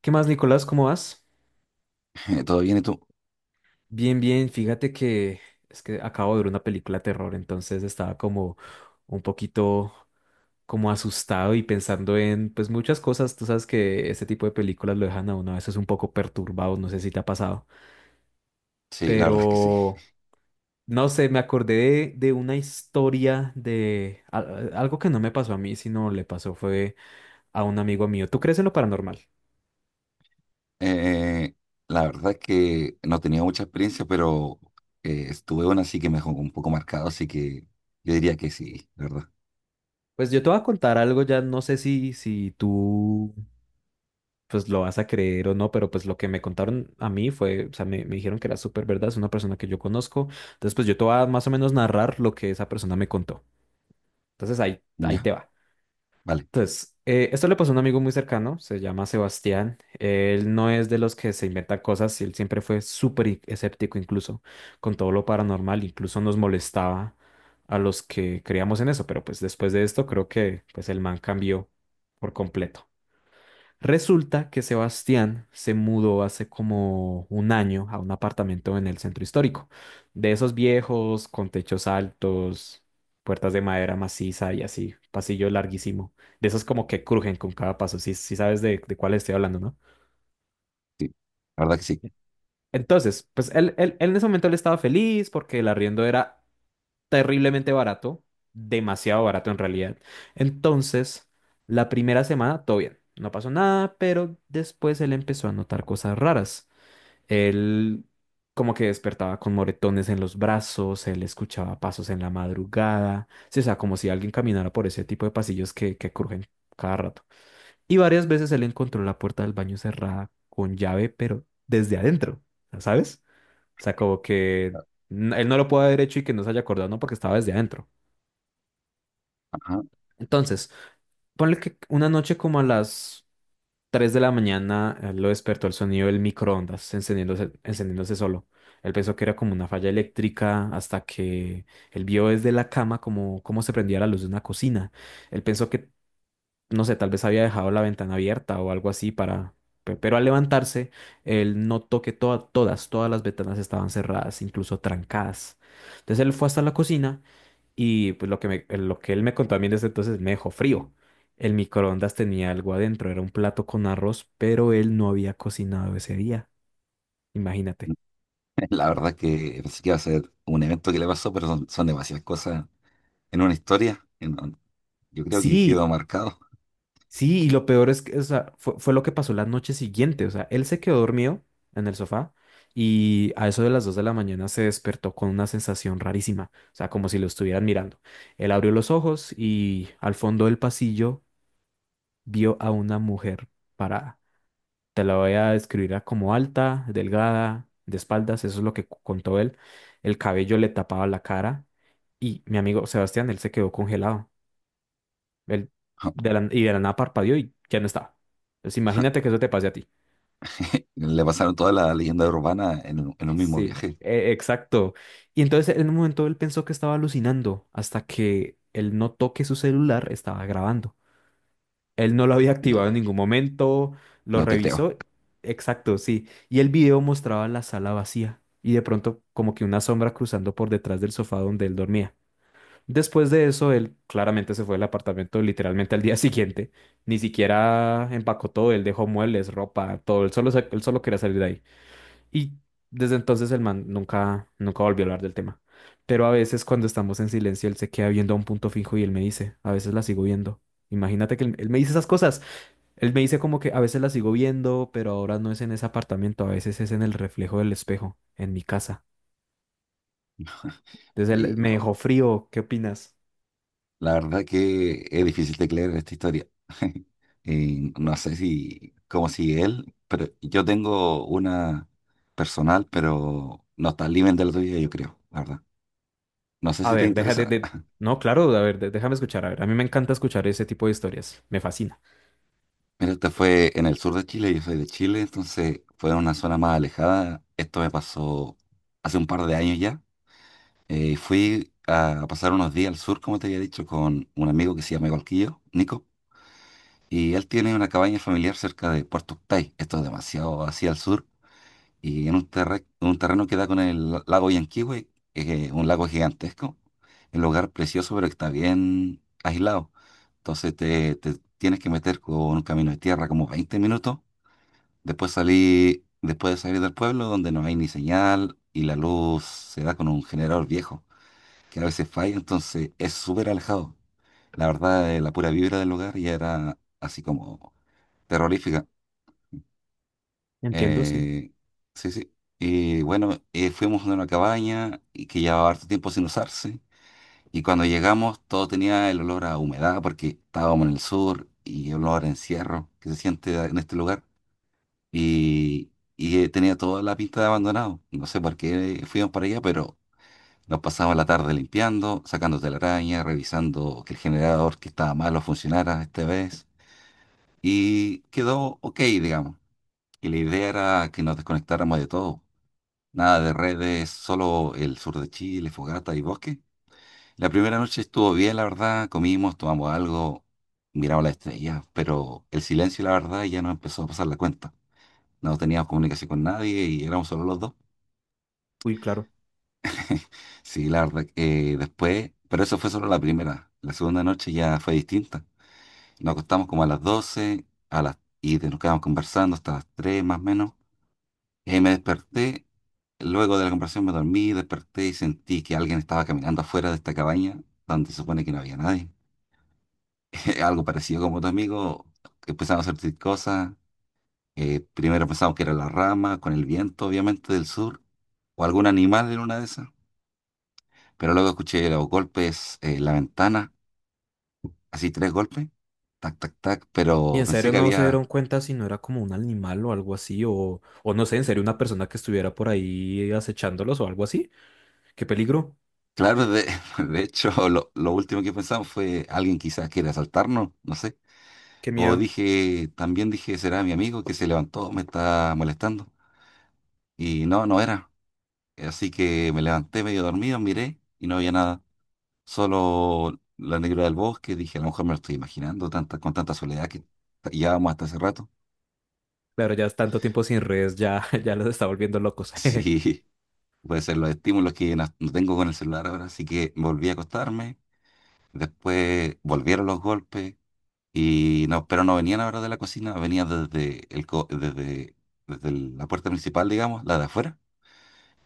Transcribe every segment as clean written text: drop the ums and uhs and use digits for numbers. ¿Qué más, Nicolás? ¿Cómo vas? ¿Todo bien y tú? Bien. Fíjate que es que acabo de ver una película de terror, entonces estaba como un poquito como asustado y pensando en pues muchas cosas. Tú sabes que este tipo de películas lo dejan a uno a veces un poco perturbado, no sé si te ha pasado, Sí, la verdad es que sí. pero no sé, me acordé de una historia de algo que no me pasó a mí, sino le pasó fue a un amigo mío. ¿Tú crees en lo paranormal? Eh, la verdad es que no tenía mucha experiencia, pero estuve una así que me dejó un poco marcado, así que yo diría que sí, la verdad. Pues yo te voy a contar algo ya, no sé si tú pues lo vas a creer o no, pero pues lo que me contaron a mí fue, o sea, me dijeron que era súper verdad, es una persona que yo conozco, entonces pues yo te voy a más o menos narrar lo que esa persona me contó. Entonces ahí ¿Ya? te va. Vale. Entonces, esto le pasó a un amigo muy cercano, se llama Sebastián, él no es de los que se inventan cosas, él siempre fue súper escéptico incluso con todo lo paranormal, incluso nos molestaba a los que creíamos en eso, pero pues después de esto creo que pues el man cambió por completo. Resulta que Sebastián se mudó hace como un año a un apartamento en el centro histórico, de esos viejos, con techos altos, puertas de madera maciza y así, pasillo larguísimo, de esos como que crujen con cada paso, si sabes de cuál estoy hablando, ¿no? Sí, la verdad que sí. Entonces, pues él en ese momento él estaba feliz porque el arriendo era terriblemente barato, demasiado barato en realidad. Entonces, la primera semana, todo bien, no pasó nada, pero después él empezó a notar cosas raras. Él como que despertaba con moretones en los brazos, él escuchaba pasos en la madrugada, sí, o sea, como si alguien caminara por ese tipo de pasillos que crujen cada rato. Y varias veces él encontró la puerta del baño cerrada con llave, pero desde adentro, ¿sabes? O sea, como que él no lo puede haber hecho y que no se haya acordado, no, porque estaba desde adentro. Ajá. Entonces, ponle que una noche como a las 3 de la mañana lo despertó el sonido del microondas encendiéndose, encendiéndose solo. Él pensó que era como una falla eléctrica hasta que él vio desde la cama como cómo se prendía la luz de una cocina. Él pensó que, no sé, tal vez había dejado la ventana abierta o algo así para... Pero al levantarse, él notó que todas las ventanas estaban cerradas, incluso trancadas. Entonces él fue hasta la cocina y pues lo que, lo que él me contó a mí desde entonces me dejó frío. El microondas tenía algo adentro, era un plato con arroz, pero él no había cocinado ese día. Imagínate. La verdad es que pensé que iba a ser un evento que le pasó, pero son demasiadas cosas en una historia. Yo creo que Sí, quedó marcado. sí, y lo peor es que, o sea, fue lo que pasó la noche siguiente. O sea, él se quedó dormido en el sofá y a eso de las 2 de la mañana se despertó con una sensación rarísima, o sea, como si lo estuvieran mirando. Él abrió los ojos y al fondo del pasillo vio a una mujer parada. Te la voy a describir a como alta, delgada, de espaldas, eso es lo que contó él. El cabello le tapaba la cara y mi amigo Sebastián, él se quedó congelado. Él de la nada parpadeó y ya no estaba. Pues imagínate que eso te pase a ti. Le pasaron toda la leyenda urbana en un mismo Sí, viaje. Exacto. Y entonces en un momento él pensó que estaba alucinando hasta que él notó que su celular estaba grabando. Él no lo había activado en No, ningún momento, lo no te creo. revisó, exacto, sí. Y el video mostraba la sala vacía y de pronto como que una sombra cruzando por detrás del sofá donde él dormía. Después de eso, él claramente se fue del apartamento literalmente al día siguiente. Ni siquiera empacó todo, él dejó muebles, ropa, todo. Él solo, él solo quería salir de ahí. Y desde entonces el man nunca volvió a hablar del tema. Pero a veces cuando estamos en silencio, él se queda viendo a un punto fijo y él me dice, a veces la sigo viendo. Imagínate que él me dice esas cosas. Él me dice como que a veces la sigo viendo, pero ahora no es en ese apartamento, a veces es en el reflejo del espejo, en mi casa. Entonces él Y me no. dejó frío, ¿qué opinas? La verdad que es difícil de creer esta historia. Y no sé si cómo sigue él, pero yo tengo una personal, pero no está al nivel de la tuya, yo creo, la verdad. No sé A si te ver, deja interesa. No, claro, a ver, déjame escuchar, a ver, a mí me encanta escuchar ese tipo de historias, me fascina. Mira, este fue en el sur de Chile, yo soy de Chile, entonces fue en una zona más alejada. Esto me pasó hace un par de años ya. Fui a pasar unos días al sur, como te había dicho, con un amigo que se llama igual que yo, Nico. Y él tiene una cabaña familiar cerca de Puerto Octay, esto es demasiado hacia el sur, y en un, un terreno que da con el lago Yanquihue, que es un lago gigantesco, un lugar precioso, pero que está bien aislado. Entonces te tienes que meter con un camino de tierra como 20 minutos, después salí, después de salir del pueblo donde no hay ni señal y la luz se da con un generador viejo, que a veces falla, entonces es súper alejado. La verdad, la pura vibra del lugar ya era así como terrorífica. Entiendo, sí, Eh, sí. Y bueno, fuimos a una cabaña y que llevaba harto tiempo sin usarse. Y cuando llegamos, todo tenía el olor a humedad porque estábamos en el sur y el olor a encierro que se siente en este lugar. Y, y tenía toda la pinta de abandonado. No sé por qué fuimos para allá, pero nos pasamos la tarde limpiando, sacando telaraña, revisando que el generador que estaba malo funcionara esta vez. Y quedó ok, digamos. Y la idea era que nos desconectáramos de todo. Nada de redes, solo el sur de Chile, fogata y bosque. La primera noche estuvo bien, la verdad. Comimos, tomamos algo, miramos las estrellas, pero el silencio, la verdad, ya nos empezó a pasar la cuenta. No teníamos comunicación con nadie y éramos solo los dos. uy, claro. Sí, la verdad, después, pero eso fue solo la primera. La segunda noche ya fue distinta. Nos acostamos como a las 12 y nos quedamos conversando hasta las 3 más o menos. Me desperté, luego de la conversación me dormí, desperté y sentí que alguien estaba caminando afuera de esta cabaña, donde se supone que no había nadie. Algo parecido como tu amigo, empezamos a sentir cosas. Primero pensamos que era la rama, con el viento obviamente del sur, o algún animal en una de esas. Pero luego escuché los golpes en la ventana, así tres golpes, tac, tac, tac, Y pero en pensé serio que no se había... dieron cuenta si no era como un animal o algo así, o no sé, en serio una persona que estuviera por ahí acechándolos o algo así. Qué peligro, Claro, de hecho, lo último que pensamos fue alguien quizás quiere asaltarnos, no sé. qué O miedo. dije, también dije, será mi amigo que se levantó, me está molestando. Y no, no era. Así que me levanté medio dormido, miré y no había nada. Solo la negra del bosque. Dije, a lo mejor me lo estoy imaginando tanta, con tanta soledad que llevábamos hasta hace rato. Claro, ya es tanto tiempo sin redes, ya, ya los está volviendo locos. Sí, puede ser los estímulos que no tengo con el celular ahora. Así que volví a acostarme. Después volvieron los golpes. Y no, pero no venían ahora de la cocina, venían desde el, co- desde, desde el- la puerta principal, digamos, la de afuera.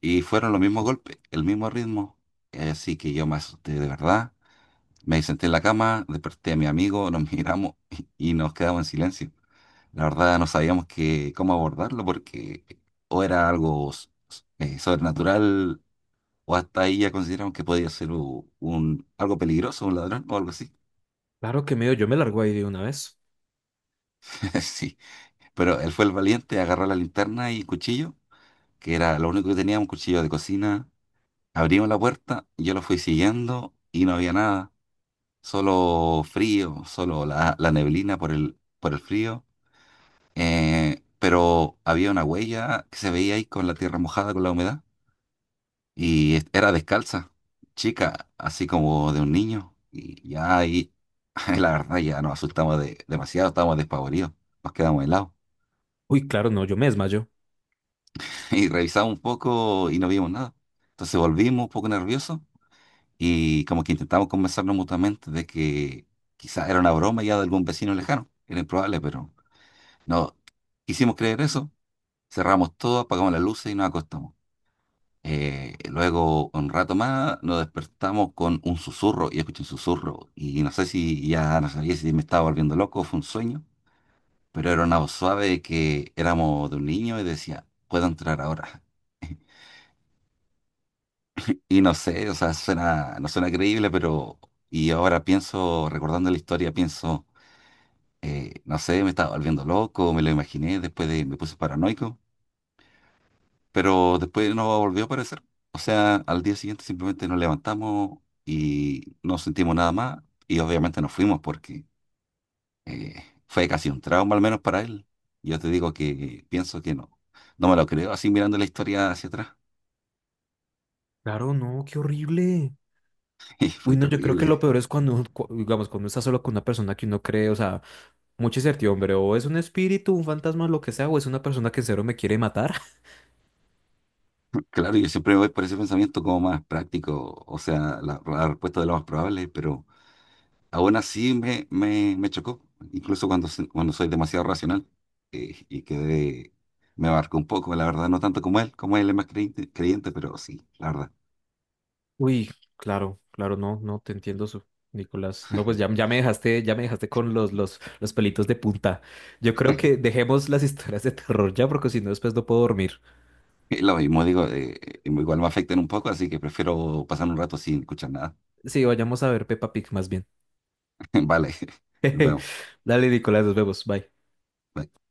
Y fueron los mismos golpes, el mismo ritmo. Así que yo me asusté de verdad. Me senté en la cama, desperté a mi amigo, nos miramos y nos quedamos en silencio. La verdad no sabíamos cómo abordarlo porque o era algo sobrenatural o hasta ahí ya consideramos que podía ser un, algo peligroso, un ladrón o algo así. Claro que medio, yo me largo ahí de una vez. Sí, pero él fue el valiente, agarró la linterna y cuchillo, que era lo único que tenía, un cuchillo de cocina. Abrimos la puerta, yo lo fui siguiendo y no había nada. Solo frío, solo la neblina por por el frío, pero había una huella que se veía ahí con la tierra mojada, con la humedad, y era descalza, chica, así como de un niño, y ya ahí, la verdad, ya nos asustamos demasiado, estábamos despavoridos, nos quedamos helados, Uy, claro, no, yo me desmayo. y revisamos un poco y no vimos nada. Entonces volvimos un poco nerviosos y como que intentamos convencernos mutuamente de que quizás era una broma ya de algún vecino lejano, era improbable, pero... No quisimos creer eso, cerramos todo, apagamos las luces y nos acostamos. Luego, un rato más, nos despertamos con un susurro, y escuché un susurro, y no sé si ya no sabía si me estaba volviendo loco o fue un sueño, pero era una voz suave que éramos de un niño y decía, puedo entrar ahora. Y no sé, o sea, suena, no suena creíble, pero... Y ahora pienso, recordando la historia, pienso, no sé, me estaba volviendo loco, me lo imaginé, me puse paranoico. Pero después no volvió a aparecer. O sea, al día siguiente simplemente nos levantamos y no sentimos nada más y obviamente nos fuimos porque eh, fue casi un trauma, al menos para él. Yo te digo que pienso que no. No me lo creo así mirando la historia hacia atrás. Claro, no, qué horrible. Y Uy, fue no, yo creo que lo terrible. peor es cuando, digamos, cuando uno está solo con una persona que uno cree, o sea, mucha incertidumbre, o es un espíritu, un fantasma, lo que sea, o es una persona que en serio me quiere matar. Claro, yo siempre me voy por ese pensamiento como más práctico, o sea, la respuesta de lo más probable, pero aún así me chocó, incluso cuando soy demasiado racional y quedé, me abarcó un poco, la verdad, no tanto como él es más creyente, pero sí, la verdad. Uy, claro, claro, no, no, te entiendo, Nicolás. No, pues ya, ya me dejaste con los, los pelitos de punta. Yo creo que dejemos las historias de terror ya, porque si no, después no puedo dormir. Y lo mismo digo, igual me afectan un poco, así que prefiero pasar un rato sin escuchar nada. Sí, vayamos a ver Peppa Pig más bien. Vale, nos vemos. Dale, Nicolás, nos vemos, bye. Bye.